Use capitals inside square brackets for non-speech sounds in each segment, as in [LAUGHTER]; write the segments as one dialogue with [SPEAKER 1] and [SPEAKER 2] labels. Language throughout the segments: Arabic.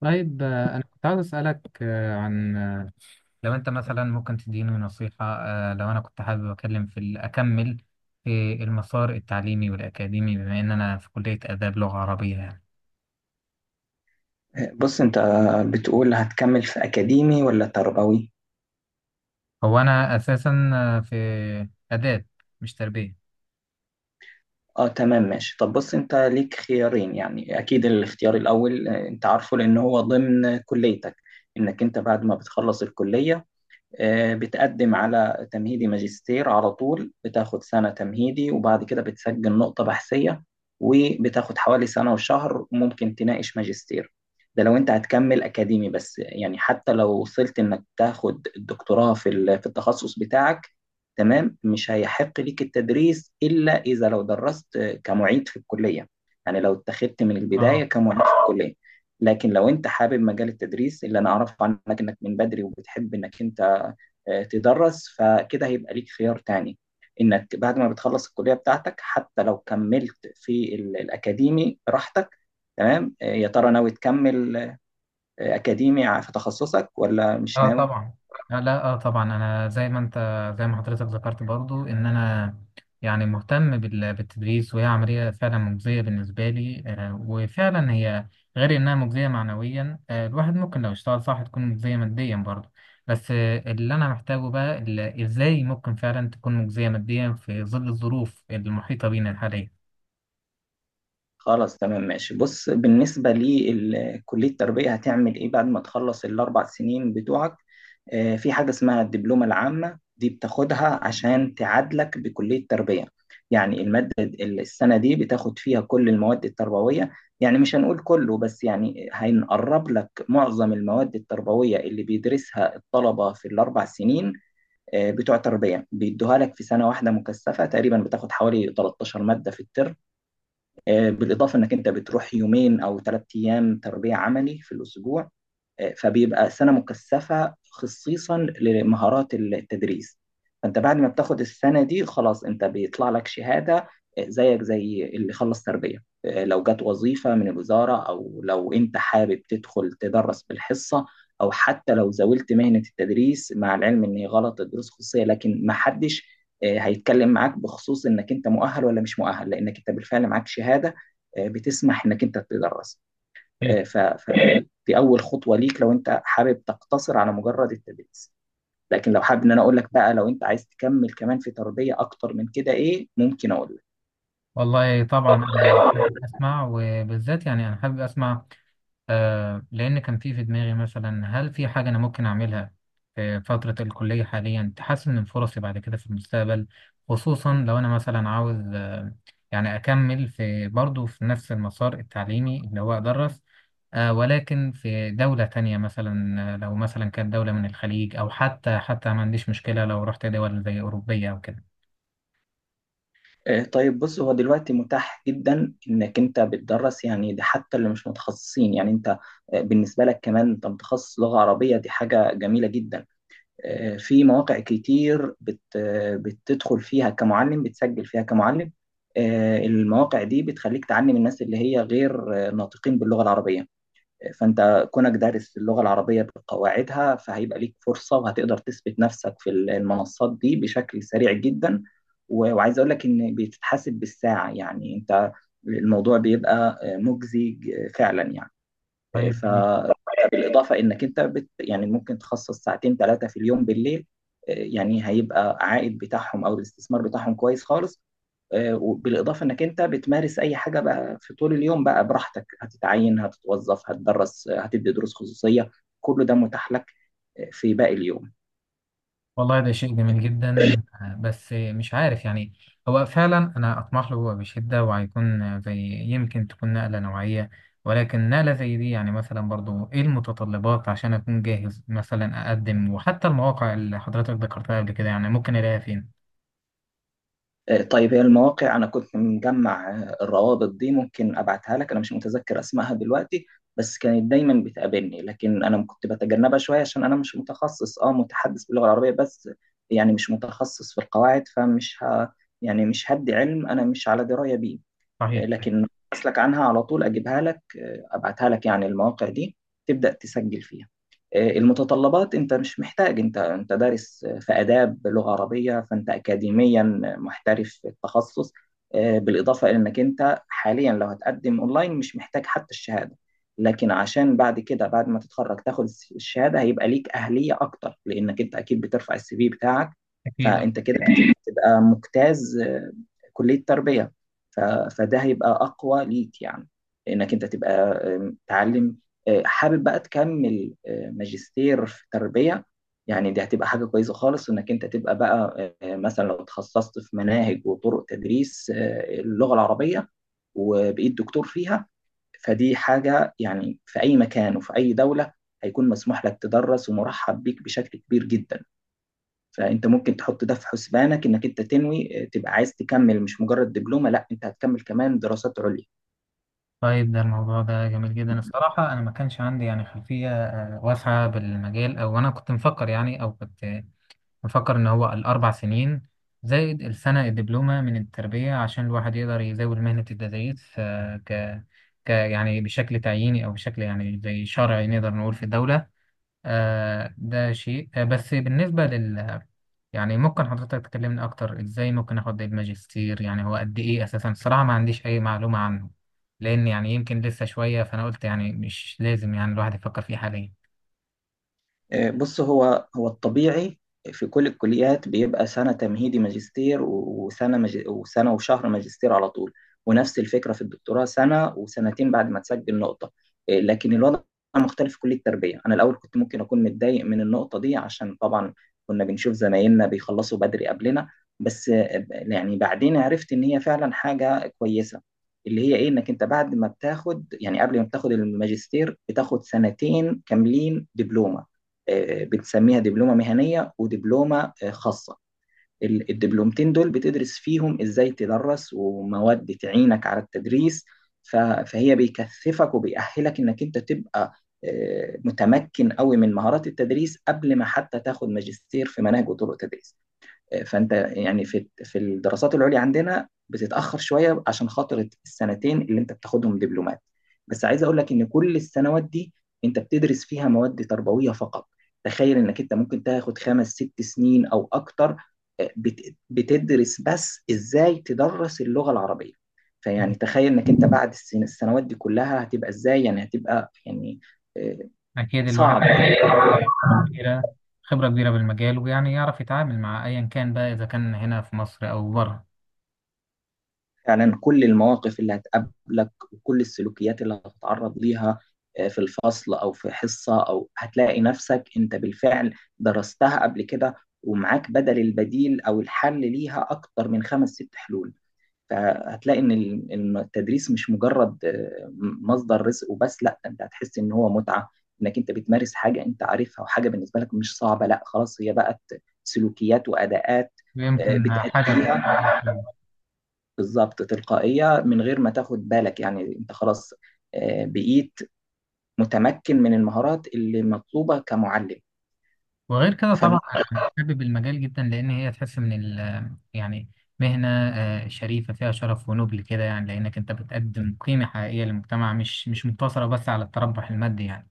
[SPEAKER 1] طيب، أنا كنت عاوز أسألك، آه، عن آه، لو أنت مثلا ممكن تديني نصيحة. لو أنا كنت حابب أكلم أكمل في المسار التعليمي والأكاديمي بما إن أنا في كلية آداب لغة عربية يعني.
[SPEAKER 2] بص انت بتقول هتكمل في اكاديمي ولا تربوي؟
[SPEAKER 1] هو أنا أساسا، في آداب، مش تربية.
[SPEAKER 2] اه، تمام، ماشي. طب بص، انت ليك خيارين. يعني اكيد الاختيار الاول، انت عارفه لان هو ضمن كليتك، انك انت بعد ما بتخلص الكلية، بتقدم على تمهيدي ماجستير على طول. بتاخد سنة تمهيدي، وبعد كده بتسجل نقطة بحثية، وبتاخد حوالي سنة وشهر ممكن تناقش ماجستير. ده لو انت هتكمل أكاديمي بس. يعني حتى لو وصلت انك تاخد الدكتوراه في في التخصص بتاعك، تمام، مش هيحق ليك التدريس إلا إذا لو درست كمعيد في الكلية. يعني لو اتخذت من البداية
[SPEAKER 1] اه.
[SPEAKER 2] كمعيد في الكلية. لكن لو انت حابب مجال التدريس، اللي انا اعرفه عنك انك من بدري وبتحب انك انت تدرس، فكده هيبقى ليك خيار تاني، انك بعد ما بتخلص الكلية بتاعتك حتى لو كملت في الاكاديمي براحتك، تمام. يا ترى ناوي تكمل اكاديمي في تخصصك ولا مش
[SPEAKER 1] اه
[SPEAKER 2] ناوي؟
[SPEAKER 1] طبعا. آه لا اه طبعا انا زي ما انت، زي ما حضرتك ذكرت، برضو ان انا يعني مهتم بالتدريس، وهي عملية فعلا مجزية بالنسبة لي، وفعلا هي غير انها مجزية معنويا، الواحد ممكن لو اشتغل صح تكون مجزية ماديا برضو. بس اللي انا محتاجه بقى، ازاي ممكن فعلا تكون مجزية ماديا في ظل الظروف المحيطة بينا الحالية؟
[SPEAKER 2] خلاص، تمام، ماشي. بص، بالنسبة لكلية التربية، هتعمل إيه بعد ما تخلص الأربع سنين بتوعك؟ في حاجة اسمها الدبلومة العامة، دي بتاخدها عشان تعادلك بكلية التربية. يعني السنة دي بتاخد فيها كل المواد التربوية، يعني مش هنقول كله، بس يعني هنقرب لك معظم المواد التربوية اللي بيدرسها الطلبة في الأربع سنين بتوع تربية، بيدوها لك في سنة واحدة مكثفة تقريبا، بتاخد حوالي 13 مادة في الترم. بالاضافه انك انت بتروح يومين او ثلاث ايام تربيه عملي في الاسبوع. فبيبقى سنة مكثفة خصيصا لمهارات التدريس. فانت بعد ما بتاخد السنة دي، خلاص انت بيطلع لك شهادة زيك زي اللي خلص تربية. لو جت وظيفة من الوزارة، او لو انت حابب تدخل تدرس بالحصة، او حتى لو زاولت مهنة التدريس، مع العلم ان هي غلط الدروس خصوصية، لكن ما حدش هيتكلم معاك بخصوص انك انت مؤهل ولا مش مؤهل، لانك انت بالفعل معاك شهادة بتسمح انك انت تدرس.
[SPEAKER 1] صحيح.
[SPEAKER 2] فدي اول خطوه ليك لو انت حابب تقتصر على مجرد التدريس. لكن لو حابب ان انا اقول لك بقى، لو انت عايز تكمل كمان في تربيه اكتر من كده، ايه ممكن اقول لك؟
[SPEAKER 1] والله طبعا انا حابب اسمع، وبالذات يعني انا حابب اسمع لأن كان في دماغي، مثلا هل في حاجة أنا ممكن أعملها في فترة الكلية حاليا تحسن من فرصي بعد كده في المستقبل؟ خصوصا لو أنا مثلا عاوز، يعني أكمل في برضه في نفس المسار التعليمي اللي هو أدرس، ولكن في دولة تانية مثلا. لو مثلا كانت دولة من الخليج، أو حتى ما عنديش مشكلة لو رحت دول زي أوروبية أو كده.
[SPEAKER 2] طيب بص، هو دلوقتي متاح جدا انك انت بتدرس، يعني ده حتى اللي مش متخصصين. يعني انت بالنسبه لك كمان، انت متخصص لغه عربيه، دي حاجه جميله جدا. في مواقع كتير بت آه، بتدخل فيها كمعلم، بتسجل فيها كمعلم. المواقع دي بتخليك تعلم الناس اللي هي غير ناطقين باللغه العربيه. فانت كونك دارس اللغه العربيه بقواعدها، فهيبقى ليك فرصه، وهتقدر تثبت نفسك في المنصات دي بشكل سريع جدا. وعايز اقول لك ان بتتحاسب بالساعه، يعني انت الموضوع بيبقى مجزي فعلا يعني.
[SPEAKER 1] طيب،
[SPEAKER 2] ف بالاضافه انك انت يعني ممكن تخصص ساعتين ثلاثه في اليوم بالليل، يعني هيبقى عائد بتاعهم او الاستثمار بتاعهم كويس خالص. وبالاضافه انك انت بتمارس اي حاجه بقى في طول اليوم بقى براحتك، هتتعين، هتتوظف، هتدرس، هتدي دروس خصوصيه، كله ده متاح لك في باقي اليوم.
[SPEAKER 1] والله ده شيء جميل جدا، بس مش عارف يعني. هو فعلا انا اطمح له بشده، وهيكون زي، يمكن تكون نقله نوعيه. ولكن نقله زي دي يعني، مثلا برضو ايه المتطلبات عشان اكون جاهز مثلا اقدم؟ وحتى المواقع اللي حضرتك ذكرتها قبل كده يعني ممكن الاقيها فين؟
[SPEAKER 2] طيب، هي المواقع انا كنت مجمع الروابط دي، ممكن ابعتها لك. انا مش متذكر اسمائها دلوقتي، بس كانت دايما بتقابلني، لكن انا كنت بتجنبها شويه عشان انا مش متخصص، متحدث باللغه العربيه بس، يعني مش متخصص في القواعد، فمش يعني مش هدي علم انا مش على درايه بيه.
[SPEAKER 1] صحيح، صحيح.
[SPEAKER 2] لكن اسلك عنها على طول، اجيبها لك، ابعتها لك، يعني المواقع دي تبدا تسجل فيها. المتطلبات انت مش محتاج، انت دارس في اداب لغه عربيه، فانت اكاديميا محترف في التخصص. بالاضافه الى انك انت حاليا لو هتقدم اونلاين مش محتاج حتى الشهاده، لكن عشان بعد كده بعد ما تتخرج تاخد الشهاده هيبقى ليك اهليه اكتر، لانك انت اكيد بترفع السي في بتاعك.
[SPEAKER 1] اكيد.
[SPEAKER 2] فانت كده [COUGHS] تبقى مجتاز كليه تربيه. ف- فده هيبقى اقوى ليك، يعني انك انت تبقى تعلم حابب بقى تكمل ماجستير في تربية، يعني دي هتبقى حاجة كويسة خالص انك انت تبقى بقى مثلا لو تخصصت في مناهج وطرق تدريس اللغة العربية وبقيت دكتور فيها، فدي حاجة يعني في اي مكان وفي اي دولة هيكون مسموح لك تدرس ومرحب بيك بشكل كبير جدا. فانت ممكن تحط ده في حسبانك، انك انت تنوي تبقى عايز تكمل، مش مجرد دبلومه، لا انت هتكمل كمان دراسات عليا.
[SPEAKER 1] طيب، ده الموضوع ده جميل جدا الصراحه، انا ما كانش عندي يعني خلفيه، واسعه بالمجال، او انا كنت مفكر يعني، او كنت بفكر إن هو الأربع سنين زائد السنة الدبلومة من التربية عشان الواحد يقدر يزاول مهنة التدريس، آه، ك ك يعني بشكل تعييني أو بشكل يعني زي شرعي نقدر نقول في الدولة. ده شيء، آه، بس بالنسبة لل يعني ممكن حضرتك تكلمني أكتر إزاي ممكن آخد الماجستير؟ يعني هو قد إيه أساسا؟ الصراحة ما عنديش أي معلومة عنه، لأن يعني يمكن لسه شوية، فأنا قلت يعني مش لازم يعني الواحد يفكر فيه حاليا.
[SPEAKER 2] بص، هو الطبيعي في كل الكليات بيبقى سنة تمهيدي ماجستير، وسنة وسنة وشهر ماجستير على طول، ونفس الفكرة في الدكتوراه، سنة وسنتين بعد ما تسجل نقطة. لكن الوضع مختلف في كلية التربية. أنا الأول كنت ممكن أكون متضايق من النقطة دي، عشان طبعا كنا بنشوف زمايلنا بيخلصوا بدري قبلنا، بس يعني بعدين عرفت إن هي فعلا حاجة كويسة. اللي هي ايه؟ انك انت بعد ما بتاخد، يعني قبل ما بتاخد الماجستير، بتاخد سنتين كاملين دبلومة، بنسميها دبلومه مهنيه ودبلومه خاصه. الدبلومتين دول بتدرس فيهم ازاي تدرس، ومواد تعينك على التدريس. فهي بيكثفك وبيأهلك انك انت تبقى متمكن قوي من مهارات التدريس قبل ما حتى تاخد ماجستير في مناهج وطرق تدريس. فانت يعني في الدراسات العليا عندنا بتتاخر شويه عشان خاطر السنتين اللي انت بتاخدهم دبلومات، بس عايز اقول لك ان كل السنوات دي انت بتدرس فيها مواد تربويه فقط. تخيل انك انت ممكن تاخد خمس ست سنين او اكتر بتدرس بس ازاي تدرس اللغه العربيه. فيعني تخيل انك انت بعد السنوات دي كلها هتبقى ازاي، يعني هتبقى يعني آه،
[SPEAKER 1] أكيد
[SPEAKER 2] صعب.
[SPEAKER 1] الواحد كبيرة، خبرة كبيرة بالمجال، ويعني يعرف يتعامل مع أيا كان بقى، إذا كان هنا في مصر أو بره.
[SPEAKER 2] فعلا كل المواقف اللي هتقابلك، وكل السلوكيات اللي هتتعرض ليها في الفصل او في حصه، او هتلاقي نفسك انت بالفعل درستها قبل كده، ومعاك بدل البديل او الحل ليها اكتر من خمس ست حلول. فهتلاقي إن التدريس مش مجرد مصدر رزق وبس. لا، انت هتحس ان هو متعه، انك انت بتمارس حاجه انت عارفها، وحاجه بالنسبه لك مش صعبه، لا، خلاص، هي بقت سلوكيات واداءات
[SPEAKER 1] ويمكن حاجة
[SPEAKER 2] بتأديها
[SPEAKER 1] تقوية فيه.
[SPEAKER 2] بالظبط تلقائية من غير ما تاخد بالك، يعني انت خلاص بقيت متمكن من المهارات اللي مطلوبة كمعلم.
[SPEAKER 1] وغير كده
[SPEAKER 2] فالم-
[SPEAKER 1] طبعا أنا حابب المجال جدا، لأن هي تحس من ال يعني مهنة، شريفة، فيها شرف ونبل كده يعني، لأنك أنت بتقدم قيمة حقيقية للمجتمع، مش مقتصرة بس على التربح المادي يعني.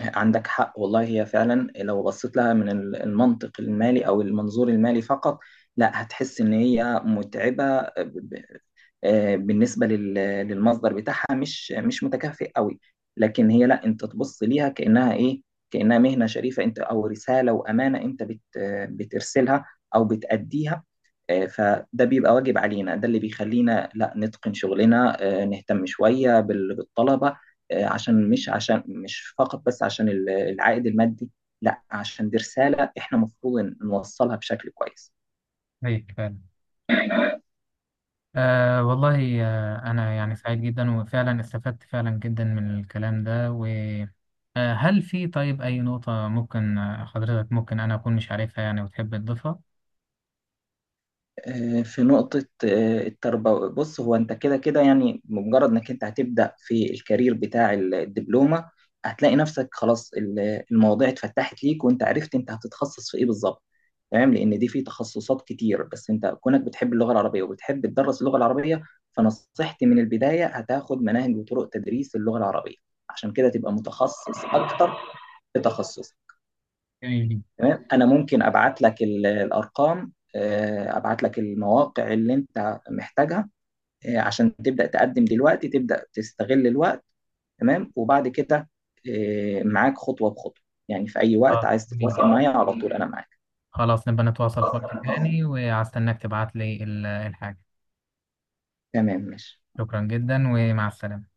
[SPEAKER 2] عندك حق والله، هي فعلا لو بصيت لها من المنطق المالي او المنظور المالي فقط، لا هتحس ان هي متعبة بالنسبة للمصدر بتاعها، مش متكافئ قوي. لكن هي لا، انت تبص ليها كأنها ايه؟ كأنها مهنة شريفة، انت او رسالة وامانة انت بت آه، بترسلها او بتأديها. فده بيبقى واجب علينا، ده اللي بيخلينا لا نتقن شغلنا، نهتم شوية بالطلبة عشان مش، عشان مش فقط بس عشان العائد المادي، لا، عشان دي رسالة احنا المفروض نوصلها بشكل كويس.
[SPEAKER 1] طيب فعلا، والله، أنا يعني سعيد جدا، وفعلا استفدت فعلا جدا من الكلام ده. و هل في طيب أي نقطة ممكن، حضرتك ممكن أنا أكون مش عارفها يعني وتحب تضيفها؟
[SPEAKER 2] في نقطة التربوي. بص، هو أنت كده كده، يعني بمجرد إنك أنت هتبدأ في الكارير بتاع الدبلومة، هتلاقي نفسك خلاص، المواضيع اتفتحت ليك، وأنت عرفت أنت هتتخصص في إيه بالظبط، تمام. لأن دي في تخصصات كتير، بس أنت كونك بتحب اللغة العربية وبتحب تدرس اللغة العربية، فنصيحتي من البداية هتاخد مناهج وطرق تدريس اللغة العربية، عشان كده تبقى متخصص أكتر في تخصص.
[SPEAKER 1] جميل.
[SPEAKER 2] تمام، انا ممكن ابعت لك الارقام، ابعت لك المواقع اللي انت محتاجها عشان تبدا تقدم دلوقتي، تبدا تستغل الوقت، تمام. وبعد كده معاك خطوه بخطوه، يعني في اي وقت
[SPEAKER 1] آه
[SPEAKER 2] عايز
[SPEAKER 1] جميل
[SPEAKER 2] تتواصل
[SPEAKER 1] جدا.
[SPEAKER 2] معايا على طول انا معاك.
[SPEAKER 1] خلاص نبقى نتواصل في وقت تاني، وهستناك تبعت لي الحاجة.
[SPEAKER 2] تمام، ماشي.
[SPEAKER 1] شكرا جدا ومع السلامة.